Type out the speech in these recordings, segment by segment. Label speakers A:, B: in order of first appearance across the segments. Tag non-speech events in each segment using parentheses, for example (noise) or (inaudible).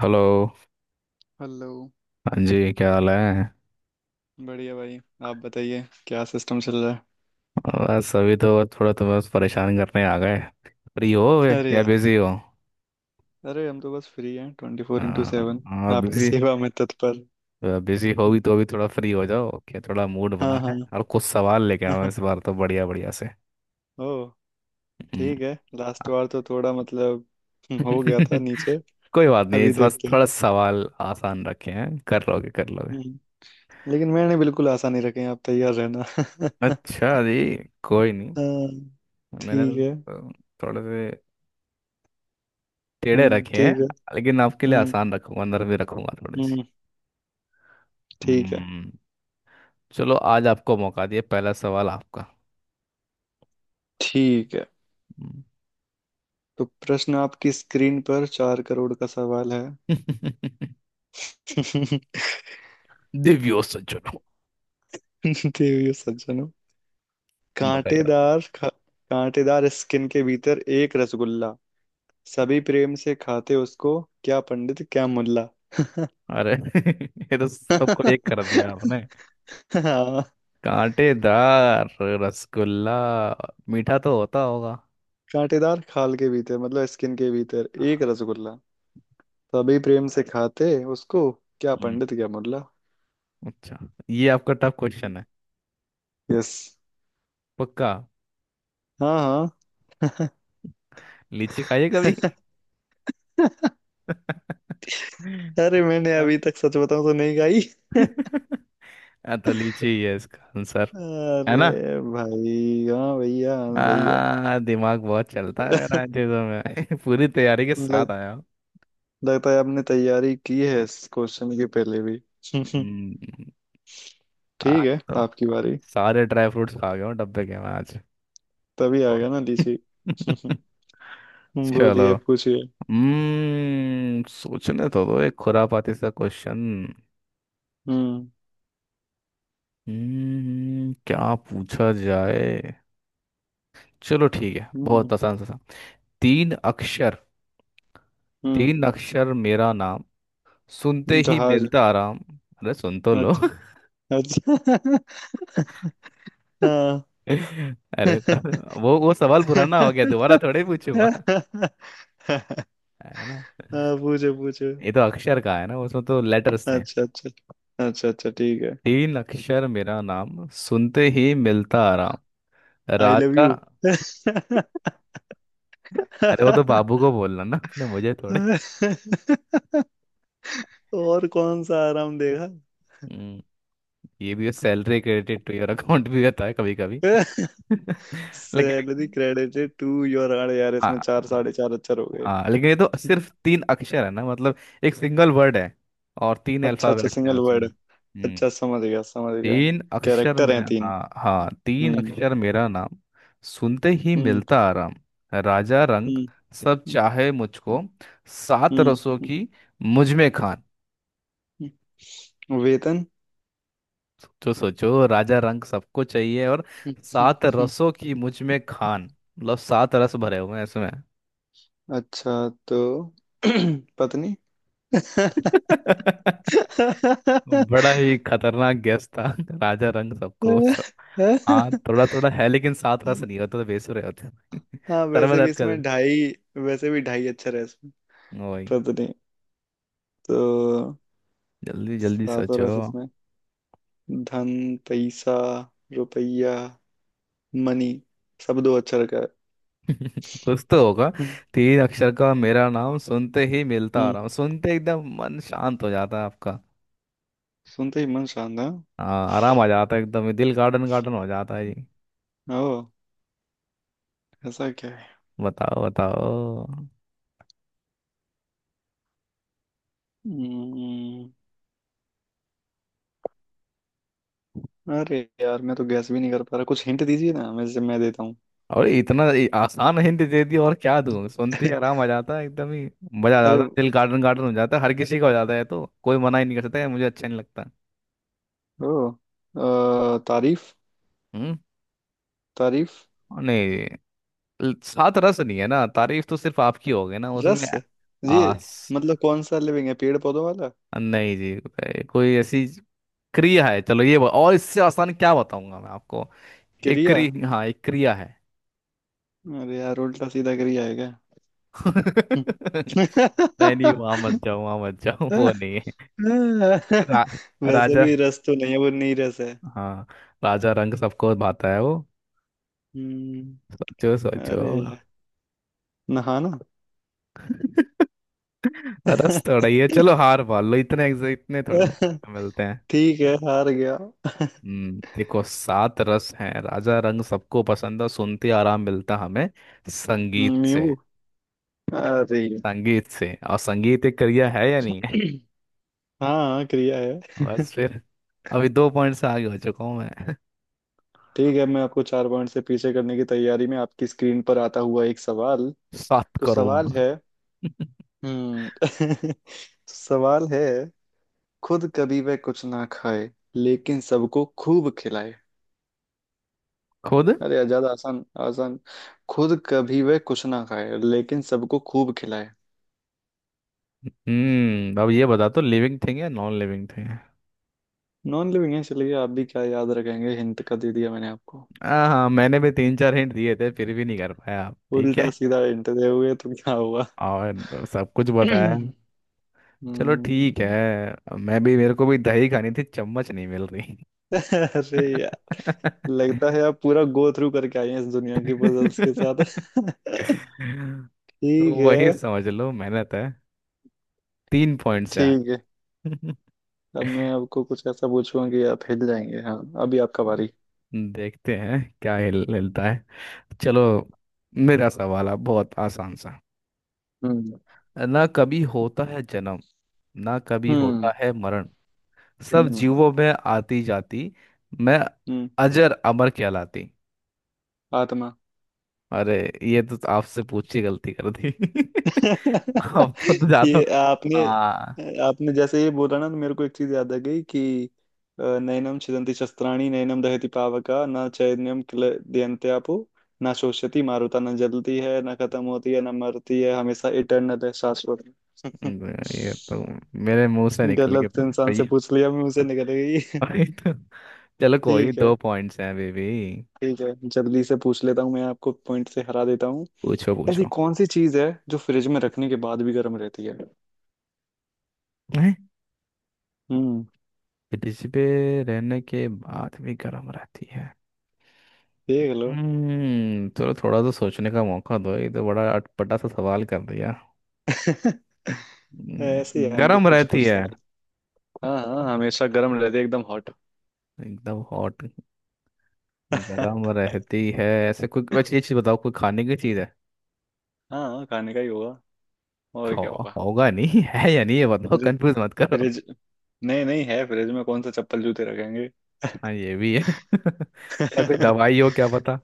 A: Hello.
B: Hello.
A: हाँ जी, क्या हाल है?
B: बढ़िया भाई। आप बताइए क्या सिस्टम चल रहा
A: बस अभी तो, बस थोड़ा, तो बस परेशान करने आ गए। फ्री हो वे
B: है। अरे
A: या
B: यार,
A: बिजी हो?
B: अरे हम तो बस फ्री हैं ट्वेंटी फोर इंटू सेवन।
A: हाँ
B: आपकी
A: बिजी।
B: सेवा में तत्पर।
A: बिजी हो भी तो अभी थोड़ा फ्री हो जाओ, क्या थोड़ा मूड
B: हाँ
A: बना है
B: हाँ।
A: और कुछ सवाल लेके आओ इस बार
B: (laughs)
A: तो बढ़िया बढ़िया से।
B: ओ,
A: हम्म।
B: ठीक है। लास्ट
A: हाँ।
B: बार तो थोड़ा हो गया था नीचे।
A: (laughs) कोई बात नहीं,
B: अभी
A: इस बार
B: देखते हैं।
A: थोड़ा सवाल आसान रखे हैं, कर लोगे कर लोगे।
B: हम्म, लेकिन मैंने बिल्कुल आशा नहीं रखे हैं, आप तैयार रहना। (laughs)
A: अच्छा जी। कोई नहीं।
B: हाँ,
A: मैंने
B: ठीक है।
A: थोड़े से टेढ़े रखे हैं।
B: ठीक है।
A: लेकिन आपके लिए
B: हम्म
A: आसान रखूंगा, अंदर भी रखूंगा थोड़ी
B: हम्म ठीक है।
A: सी। चलो, आज आपको मौका दिया, पहला सवाल आपका।
B: ठीक है।
A: हम्म।
B: तो प्रश्न आपकी स्क्रीन पर चार करोड़ का सवाल
A: (laughs)
B: है। (laughs)
A: दिव्यो सज्जनों,
B: (laughs) देवियों सज्जनों,
A: बताइए।
B: कांटेदार खा, कांटेदार स्किन के भीतर एक रसगुल्ला, सभी प्रेम से खाते उसको, क्या पंडित क्या मुल्ला। (laughs)
A: अरे, (laughs) ये तो सबको एक कर दिया आपने।
B: हाँ,
A: कांटेदार रसगुल्ला, मीठा तो होता होगा।
B: कांटेदार खाल के भीतर मतलब स्किन के भीतर एक
A: हाँ।
B: रसगुल्ला, सभी प्रेम से खाते उसको, क्या
A: हम्म।
B: पंडित क्या मुल्ला।
A: अच्छा। ये आपका टफ क्वेश्चन है।
B: यस।
A: पक्का?
B: हाँ हाँ।
A: लीची खाइए कभी।
B: (laughs)
A: (laughs)
B: अरे मैंने अभी तक सच बताऊं तो नहीं गाई। (laughs)
A: हाँ, तो लीची ही है इसका आंसर। है ना?
B: अरे भाई हाँ भैया हाँ भैया।
A: दिमाग बहुत चलता है
B: (laughs)
A: यार इन चीजों में। (laughs) पूरी तैयारी के साथ
B: लगता
A: आया।
B: लगता है आपने तैयारी की है इस क्वेश्चन के पहले भी। (laughs)
A: हम्म।
B: ठीक
A: आज
B: है,
A: तो
B: आपकी बारी।
A: सारे ड्राई फ्रूट्स खा गया हूँ डब्बे के मैं आज।
B: तभी आ
A: वाह।
B: गया ना लीची। (laughs)
A: (laughs) चलो।
B: बोलिए पूछिए।
A: सोचने तो दो एक खुरापाती सा क्वेश्चन।
B: हम्म।
A: क्या पूछा जाए। चलो ठीक है, बहुत
B: हम्म।
A: आसान सा सा। तीन अक्षर।
B: हम्म।
A: तीन अक्षर मेरा नाम, सुनते ही
B: जहाज।
A: मिलता आराम। अरे सुन तो लो।
B: अच्छा अच्छा। (laughs) हाँ।
A: (laughs) अरे, वो सवाल पुराना हो गया, दोबारा
B: (laughs)
A: थोड़े
B: हाँ
A: पूछूंगा। है?
B: पूछो पूछो।
A: ये तो अक्षर का है ना, उसमें तो लेटर्स थे।
B: अच्छा अच्छा। अच्छा अच्छा, ठीक है।
A: तीन अक्षर मेरा नाम, सुनते ही मिलता आराम।
B: आई लव
A: राजा।
B: यू।
A: अरे वो तो बाबू को बोलना ना अपने, मुझे थोड़े।
B: (laughs) और कौन सा आराम देगा।
A: हम्म, ये भी salary credit to your account भी होता है कभी कभी।
B: (laughs)
A: (laughs)
B: सैलरी
A: लेकिन।
B: क्रेडिटेड टू योर, अरे यार इसमें
A: हाँ।
B: चार साढ़े चार अक्षर हो गए।
A: हाँ, लेकिन ये तो सिर्फ तीन अक्षर है ना, मतलब एक सिंगल वर्ड है और तीन
B: अच्छा अच्छा,
A: अल्फाबेट्स हैं
B: सिंगल वर्ड।
A: उसमें।
B: अच्छा समझ गया समझ गया।
A: तीन अक्षर
B: कैरेक्टर
A: में।
B: हैं तीन।
A: हाँ हाँ, तीन
B: हम्म।
A: अक्षर मेरा नाम, सुनते ही
B: हम्म।
A: मिलता आराम। राजा रंग
B: हम्म।
A: सब चाहे मुझको, सात
B: हम्म।
A: रसों की मुझ में खान।
B: वेतन।
A: तो सोचो, राजा रंग सबको चाहिए और
B: हम्म, हम्म,
A: सात
B: हम्म।
A: रसों की मुझ में खान, मतलब सात रस भरे हुए हैं इसमें।
B: अच्छा तो (clears throat) पत्नी।
A: (laughs) बड़ा ही खतरनाक गेस था। (laughs) राजा रंग सबको सब। हाँ, थोड़ा थोड़ा है, लेकिन सात रस नहीं होता तो बेसुरे होते। (laughs)
B: हाँ
A: सर में दर्द कर।
B: वैसे भी ढाई अक्षर है इसमें।
A: वही।
B: पत्नी तो
A: जल्दी जल्दी
B: सातों
A: सोचो।
B: रस इसमें। धन, पैसा, रुपया, मनी, सब दो अक्षर का है।
A: (laughs) कुछ तो होगा।
B: हम्म।
A: तीन अक्षर का मेरा नाम, सुनते ही मिलता
B: हम्म,
A: आराम, सुनते एकदम मन शांत हो जाता है आपका।
B: सुनते ही मन शांत है।
A: हाँ, आराम आ जाता है एकदम, ये दिल गार्डन गार्डन हो जाता है जी।
B: ओ, ऐसा क्या है।
A: बताओ बताओ।
B: हम्म, अरे यार मैं तो गैस भी नहीं कर पा रहा, कुछ हिंट दीजिए ना, मैं देता हूँ।
A: और इतना ये आसान हिंट दे दी, और क्या दूं? सुनते ही
B: (laughs)
A: आराम आ जाता है एकदम ही, मजा आ
B: अरे,
A: जाता है, दिल गार्डन गार्डन हो जाता है हर किसी का, हो जाता है तो कोई मना ही नहीं कर सकता है, मुझे अच्छा नहीं लगता।
B: ओ, तारीफ।
A: हम्म।
B: तारीफ।
A: और नहीं। सात रस नहीं है ना, तारीफ तो सिर्फ आपकी होगी ना उसमें।
B: रस। ये
A: हाँ।
B: मतलब कौन सा लिविंग है, पेड़ पौधों वाला।
A: नहीं जी। कोई ऐसी क्रिया है, चलो ये और इससे आसान क्या बताऊंगा मैं आपको। एक
B: क्रिया।
A: क्रि हाँ, एक क्रिया है।
B: अरे यार उल्टा सीधा क्रिया है क्या।
A: (laughs) नहीं नहीं, वहां मत जाओ, वहां मत जाओ, वो नहीं
B: (laughs)
A: है।
B: हाँ, (laughs)
A: रा,
B: वैसे
A: राजा।
B: भी रस तो नहीं है, वो नहीं रस है।
A: हाँ। राजा रंग सबको भाता है वो।
B: हम्म,
A: सोचो सोचो।
B: अरे यार, नहाना।
A: (laughs) रस थोड़ा ही है,
B: (laughs)
A: चलो हार मान लो, इतने इतने थोड़े ना मिलते हैं।
B: ठीक है, हार गया।
A: देखो, सात रस हैं, राजा रंग सबको पसंद है, सुनते आराम मिलता हमें। संगीत से।
B: नींबू। अरे यार।
A: संगीत से, और संगीत एक करियर है या नहीं है?
B: (clears throat) हाँ क्रिया है। (laughs)
A: बस फिर। अभी 2 पॉइंट से आगे हो चुका हूँ मैं।
B: ठीक है, मैं आपको चार पॉइंट से पीछे करने की तैयारी में आपकी स्क्रीन पर आता हुआ एक सवाल।
A: (laughs) सात
B: तो सवाल
A: करोड़
B: है,
A: (laughs)
B: हम्म, (laughs) सवाल है, खुद कभी वह कुछ ना खाए लेकिन सबको खूब खिलाए।
A: खुद।
B: अरे यार, ज्यादा आसान आसान। खुद कभी वह कुछ ना खाए लेकिन सबको खूब खिलाए।
A: अब ये बता तो लिविंग थिंग या नॉन लिविंग थिंग है?
B: नॉन लिविंग है, इसलिए आप भी क्या याद रखेंगे, हिंट का दे दिया मैंने आपको।
A: हाँ हाँ, मैंने भी तीन चार हिंट दिए थे, फिर भी नहीं कर पाया आप, ठीक
B: उल्टा
A: है।
B: सीधा हिंट दे हुए तो क्या हुआ।
A: और सब कुछ
B: (clears throat)
A: बताया।
B: हम्म,
A: चलो ठीक है, मैं भी, मेरे को भी दही खानी थी चम्मच नहीं मिल रही।
B: (laughs) अरे यार,
A: (laughs)
B: लगता है आप पूरा गो थ्रू करके आए हैं इस दुनिया की पजल्स के साथ। (laughs)
A: तो
B: ठीक है।
A: वही समझ लो, मेहनत है। 3 पॉइंट से
B: ठीक है,
A: आगे। (laughs)
B: अब मैं आपको कुछ ऐसा पूछूंगा कि आप हिल जाएंगे, हाँ अभी आपका बारी।
A: देखते हैं क्या हिल हिलता है। चलो, मेरा सवाल है बहुत आसान सा।
B: हम्म।
A: ना कभी होता है जन्म, ना कभी
B: हम्म।
A: होता है मरण, सब
B: हम्म।
A: जीवों में आती जाती मैं,
B: हम्म।
A: अजर अमर कहलाती।
B: आत्मा।
A: अरे, ये तो आपसे पूछ के गलती कर दी। (laughs) आप तो
B: (laughs)
A: ज्यादा।
B: ये आपने,
A: हाँ।
B: आपने जैसे ये बोला ना, तो मेरे को एक चीज याद आ गई कि नैनम छिदन्ति शस्त्राणि नैनम दहति पावका न चैनम क्लेदयन्ते आपो न शोषयति मारुता। न जलती है न खत्म होती है न मरती है, हमेशा इटर्नल है, शाश्वत है। (laughs)
A: ये तो मेरे मुंह से निकल के
B: गलत तो इंसान से
A: भैया।
B: पूछ लिया, मैं उसे निकल गई। (laughs)
A: अरे तो, चलो कोई नहीं,
B: ठीक है।
A: 2 पॉइंट्स हैं बेबी।
B: ठीक है, जल्दी से पूछ लेता हूँ, मैं आपको पॉइंट से हरा देता हूँ।
A: पूछो
B: ऐसी
A: पूछो।
B: कौन सी चीज है जो फ्रिज में रखने के बाद भी गर्म रहती है। हम्म,
A: ब्रिज पे रहने के बाद भी गर्म रहती है?
B: देख लो।
A: चलो, थोड़ा तो सोचने का मौका दो, ये तो बड़ा अटपटा सा सवाल कर दिया।
B: (laughs) ऐसे ही आएंगे
A: गर्म
B: कुछ कुछ
A: रहती है
B: सवाल। हाँ हाँ हमेशा गर्म रहते एकदम हॉट।
A: एकदम हॉट।
B: (laughs)
A: गर्म रहती है ऐसे कोई, वैसे ये चीज बताओ, कोई खाने की चीज है?
B: हाँ खाने का ही होगा, और क्या
A: खाओ
B: होगा।
A: होगा नहीं। (laughs) है या नहीं ये बताओ,
B: फ्रिज
A: कंफ्यूज मत करो।
B: फ्रिज नहीं, नहीं है फ्रिज में, कौन सा चप्पल जूते रखेंगे।
A: हाँ, ये भी है। (laughs) या कोई
B: (laughs)
A: दवाई हो क्या पता।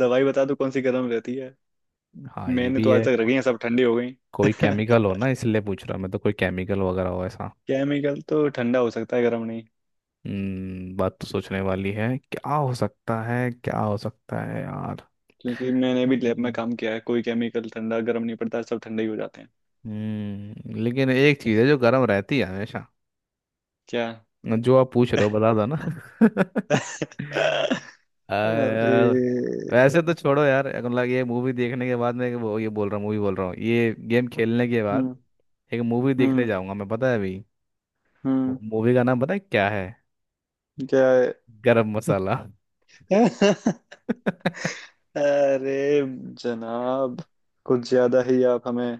B: दवाई बता दो कौन सी गर्म रहती है।
A: हाँ, ये
B: मैंने
A: भी
B: तो आज
A: है।
B: तक रखी है सब ठंडी हो गई।
A: कोई केमिकल हो
B: (laughs)
A: ना, इसलिए पूछ रहा मैं, तो कोई केमिकल वगैरह हो ऐसा।
B: केमिकल तो ठंडा हो सकता है गर्म नहीं।
A: बात तो सोचने वाली है, क्या हो सकता है, क्या हो सकता है यार।
B: क्योंकि मैंने भी लैब में काम
A: हम्म।
B: किया है, कोई केमिकल ठंडा गर्म नहीं पड़ता, सब ठंडे ही हो जाते हैं।
A: लेकिन एक चीज है जो गर्म रहती है हमेशा।
B: क्या।
A: जो आप पूछ रहे हो बता दो ना। (laughs)
B: (laughs) अरे।
A: यार, वैसे तो छोड़ो यार, मतलब ये मूवी देखने के बाद, मैं वो ये बोल रहा हूँ, मूवी बोल रहा हूँ ये गेम खेलने के बाद।
B: हम्म।
A: एक मूवी देखने
B: हम्म।
A: जाऊंगा मैं, पता है अभी?
B: हम्म।
A: मूवी का नाम पता है क्या है?
B: क्या है।
A: गरम मसाला।
B: (laughs)
A: (laughs)
B: अरे जनाब, कुछ ज्यादा ही आप हमें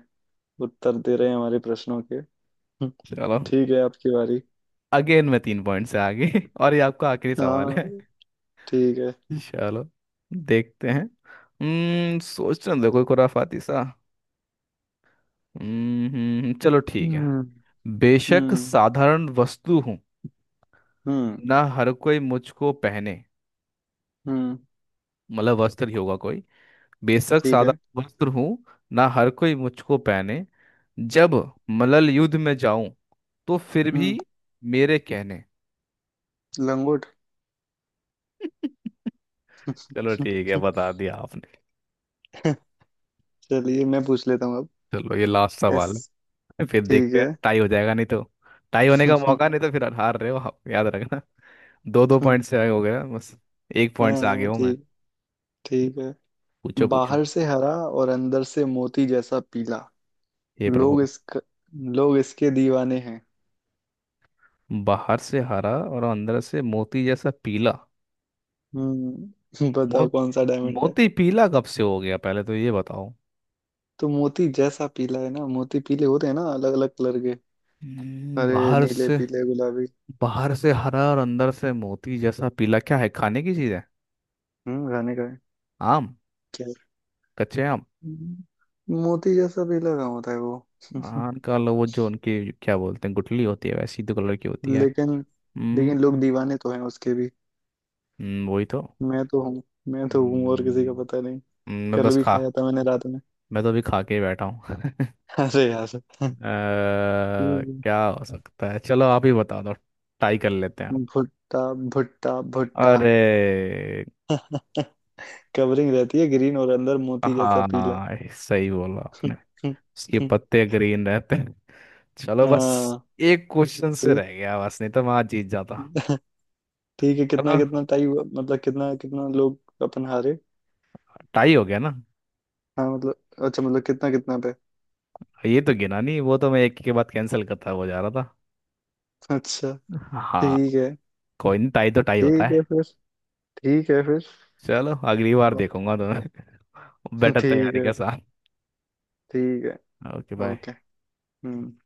B: उत्तर दे रहे हैं हमारे प्रश्नों के। हम्म,
A: चलो,
B: ठीक है आपकी बारी।
A: अगेन मैं 3 पॉइंट से आगे। (laughs) और ये आपका आखिरी सवाल है।
B: हाँ ठीक है।
A: चलो, देखते हैं। सोचने दो कोई खुराफाती सा। चलो ठीक है।
B: हम्म।
A: बेशक
B: हम्म।
A: साधारण वस्तु हूँ,
B: हम्म।
A: ना हर कोई मुझको पहने।
B: हम्म।
A: मतलब वस्त्र ही होगा कोई। बेशक
B: ठीक है।
A: साधारण वस्त्र हूँ, ना हर कोई मुझको पहने, जब मलल युद्ध में जाऊं, तो फिर भी
B: हम्म।
A: मेरे कहने।
B: लंगोट।
A: (laughs) चलो ठीक है, बता
B: (laughs)
A: दिया आपने।
B: चलिए मैं पूछ लेता हूँ अब।
A: चलो ये लास्ट
B: यस।
A: सवाल है। फिर
B: ठीक
A: देखते हैं
B: है।
A: टाई हो जाएगा नहीं तो। टाई होने का मौका
B: (laughs)
A: नहीं तो, फिर हार रहे हो आप, याद रखना। (laughs) दो दो पॉइंट से आगे हो गया बस, 1 पॉइंट से आगे
B: हाँ
A: हूँ मैं।
B: ठीक, ठीक है।
A: पूछो पूछो।
B: बाहर से हरा और अंदर से मोती जैसा पीला,
A: हे प्रभु।
B: लोग इसका लोग इसके दीवाने हैं।
A: बाहर से हरा और अंदर से मोती जैसा पीला।
B: हम्म। (laughs)
A: मो,
B: बताओ कौन सा डायमंड है।
A: मोती पीला कब से हो गया, पहले तो ये बताओ।
B: तो मोती जैसा पीला है ना, मोती पीले होते हैं ना अलग अलग कलर के। हरे,
A: बाहर
B: नीले,
A: से।
B: पीले, गुलाबी।
A: बाहर से हरा और अंदर से मोती जैसा पीला, क्या है? खाने की चीज है?
B: खाने का है।
A: आम।
B: क्या।
A: कच्चे आम।
B: हम्म, मोती जैसा पीला कहाँ होता है वो।
A: आम
B: (laughs)
A: का लो वो, जो उनकी क्या बोलते हैं, गुठली होती है वैसी तो कलर की होती है।
B: लेकिन, लोग
A: हम्म
B: दीवाने तो हैं उसके भी।
A: वही तो।
B: मैं तो हूँ। और किसी का पता
A: हम्म,
B: नहीं।
A: मैं
B: कल
A: बस
B: भी
A: खा,
B: खाया था मैंने रात में।
A: मैं तो अभी खा के ही बैठा हूँ। (laughs)
B: (laughs) अरे यार,
A: अ,
B: ठीक
A: क्या हो सकता है? चलो आप ही बता दो, टाई कर लेते हैं।
B: है। भुट्टा, भुट्टा।
A: अरे।
B: (laughs) कवरिंग रहती है ग्रीन और अंदर मोती जैसा पीला।
A: हाँ, सही बोला आपने।
B: (laughs)
A: इसके पत्ते ग्रीन रहते हैं। चलो बस,
B: हाँ
A: एक क्वेश्चन से
B: ठीक,
A: रह गया बस, नहीं तो मैं आज जीत जाता।
B: ठीक है, कितना
A: चलो,
B: कितना टाई हुआ, मतलब कितना कितना, लोग अपन हारे।
A: टाई हो गया ना?
B: हाँ मतलब, अच्छा, मतलब कितना कितना पे।
A: ये तो गिना नहीं, वो तो मैं एक के बाद कैंसिल करता हुआ जा रहा
B: अच्छा,
A: था, हाँ।
B: ठीक है।
A: कोई नहीं, टाई तो टाई होता
B: ठीक है
A: है।
B: फिर। ठीक है फिर।
A: चलो, अगली बार
B: और,
A: देखूंगा तुम्हें। (laughs) बेटर
B: ठीक
A: तैयारी के
B: है।
A: साथ।
B: ठीक है,
A: ओके बाय।
B: ओके। हम्म।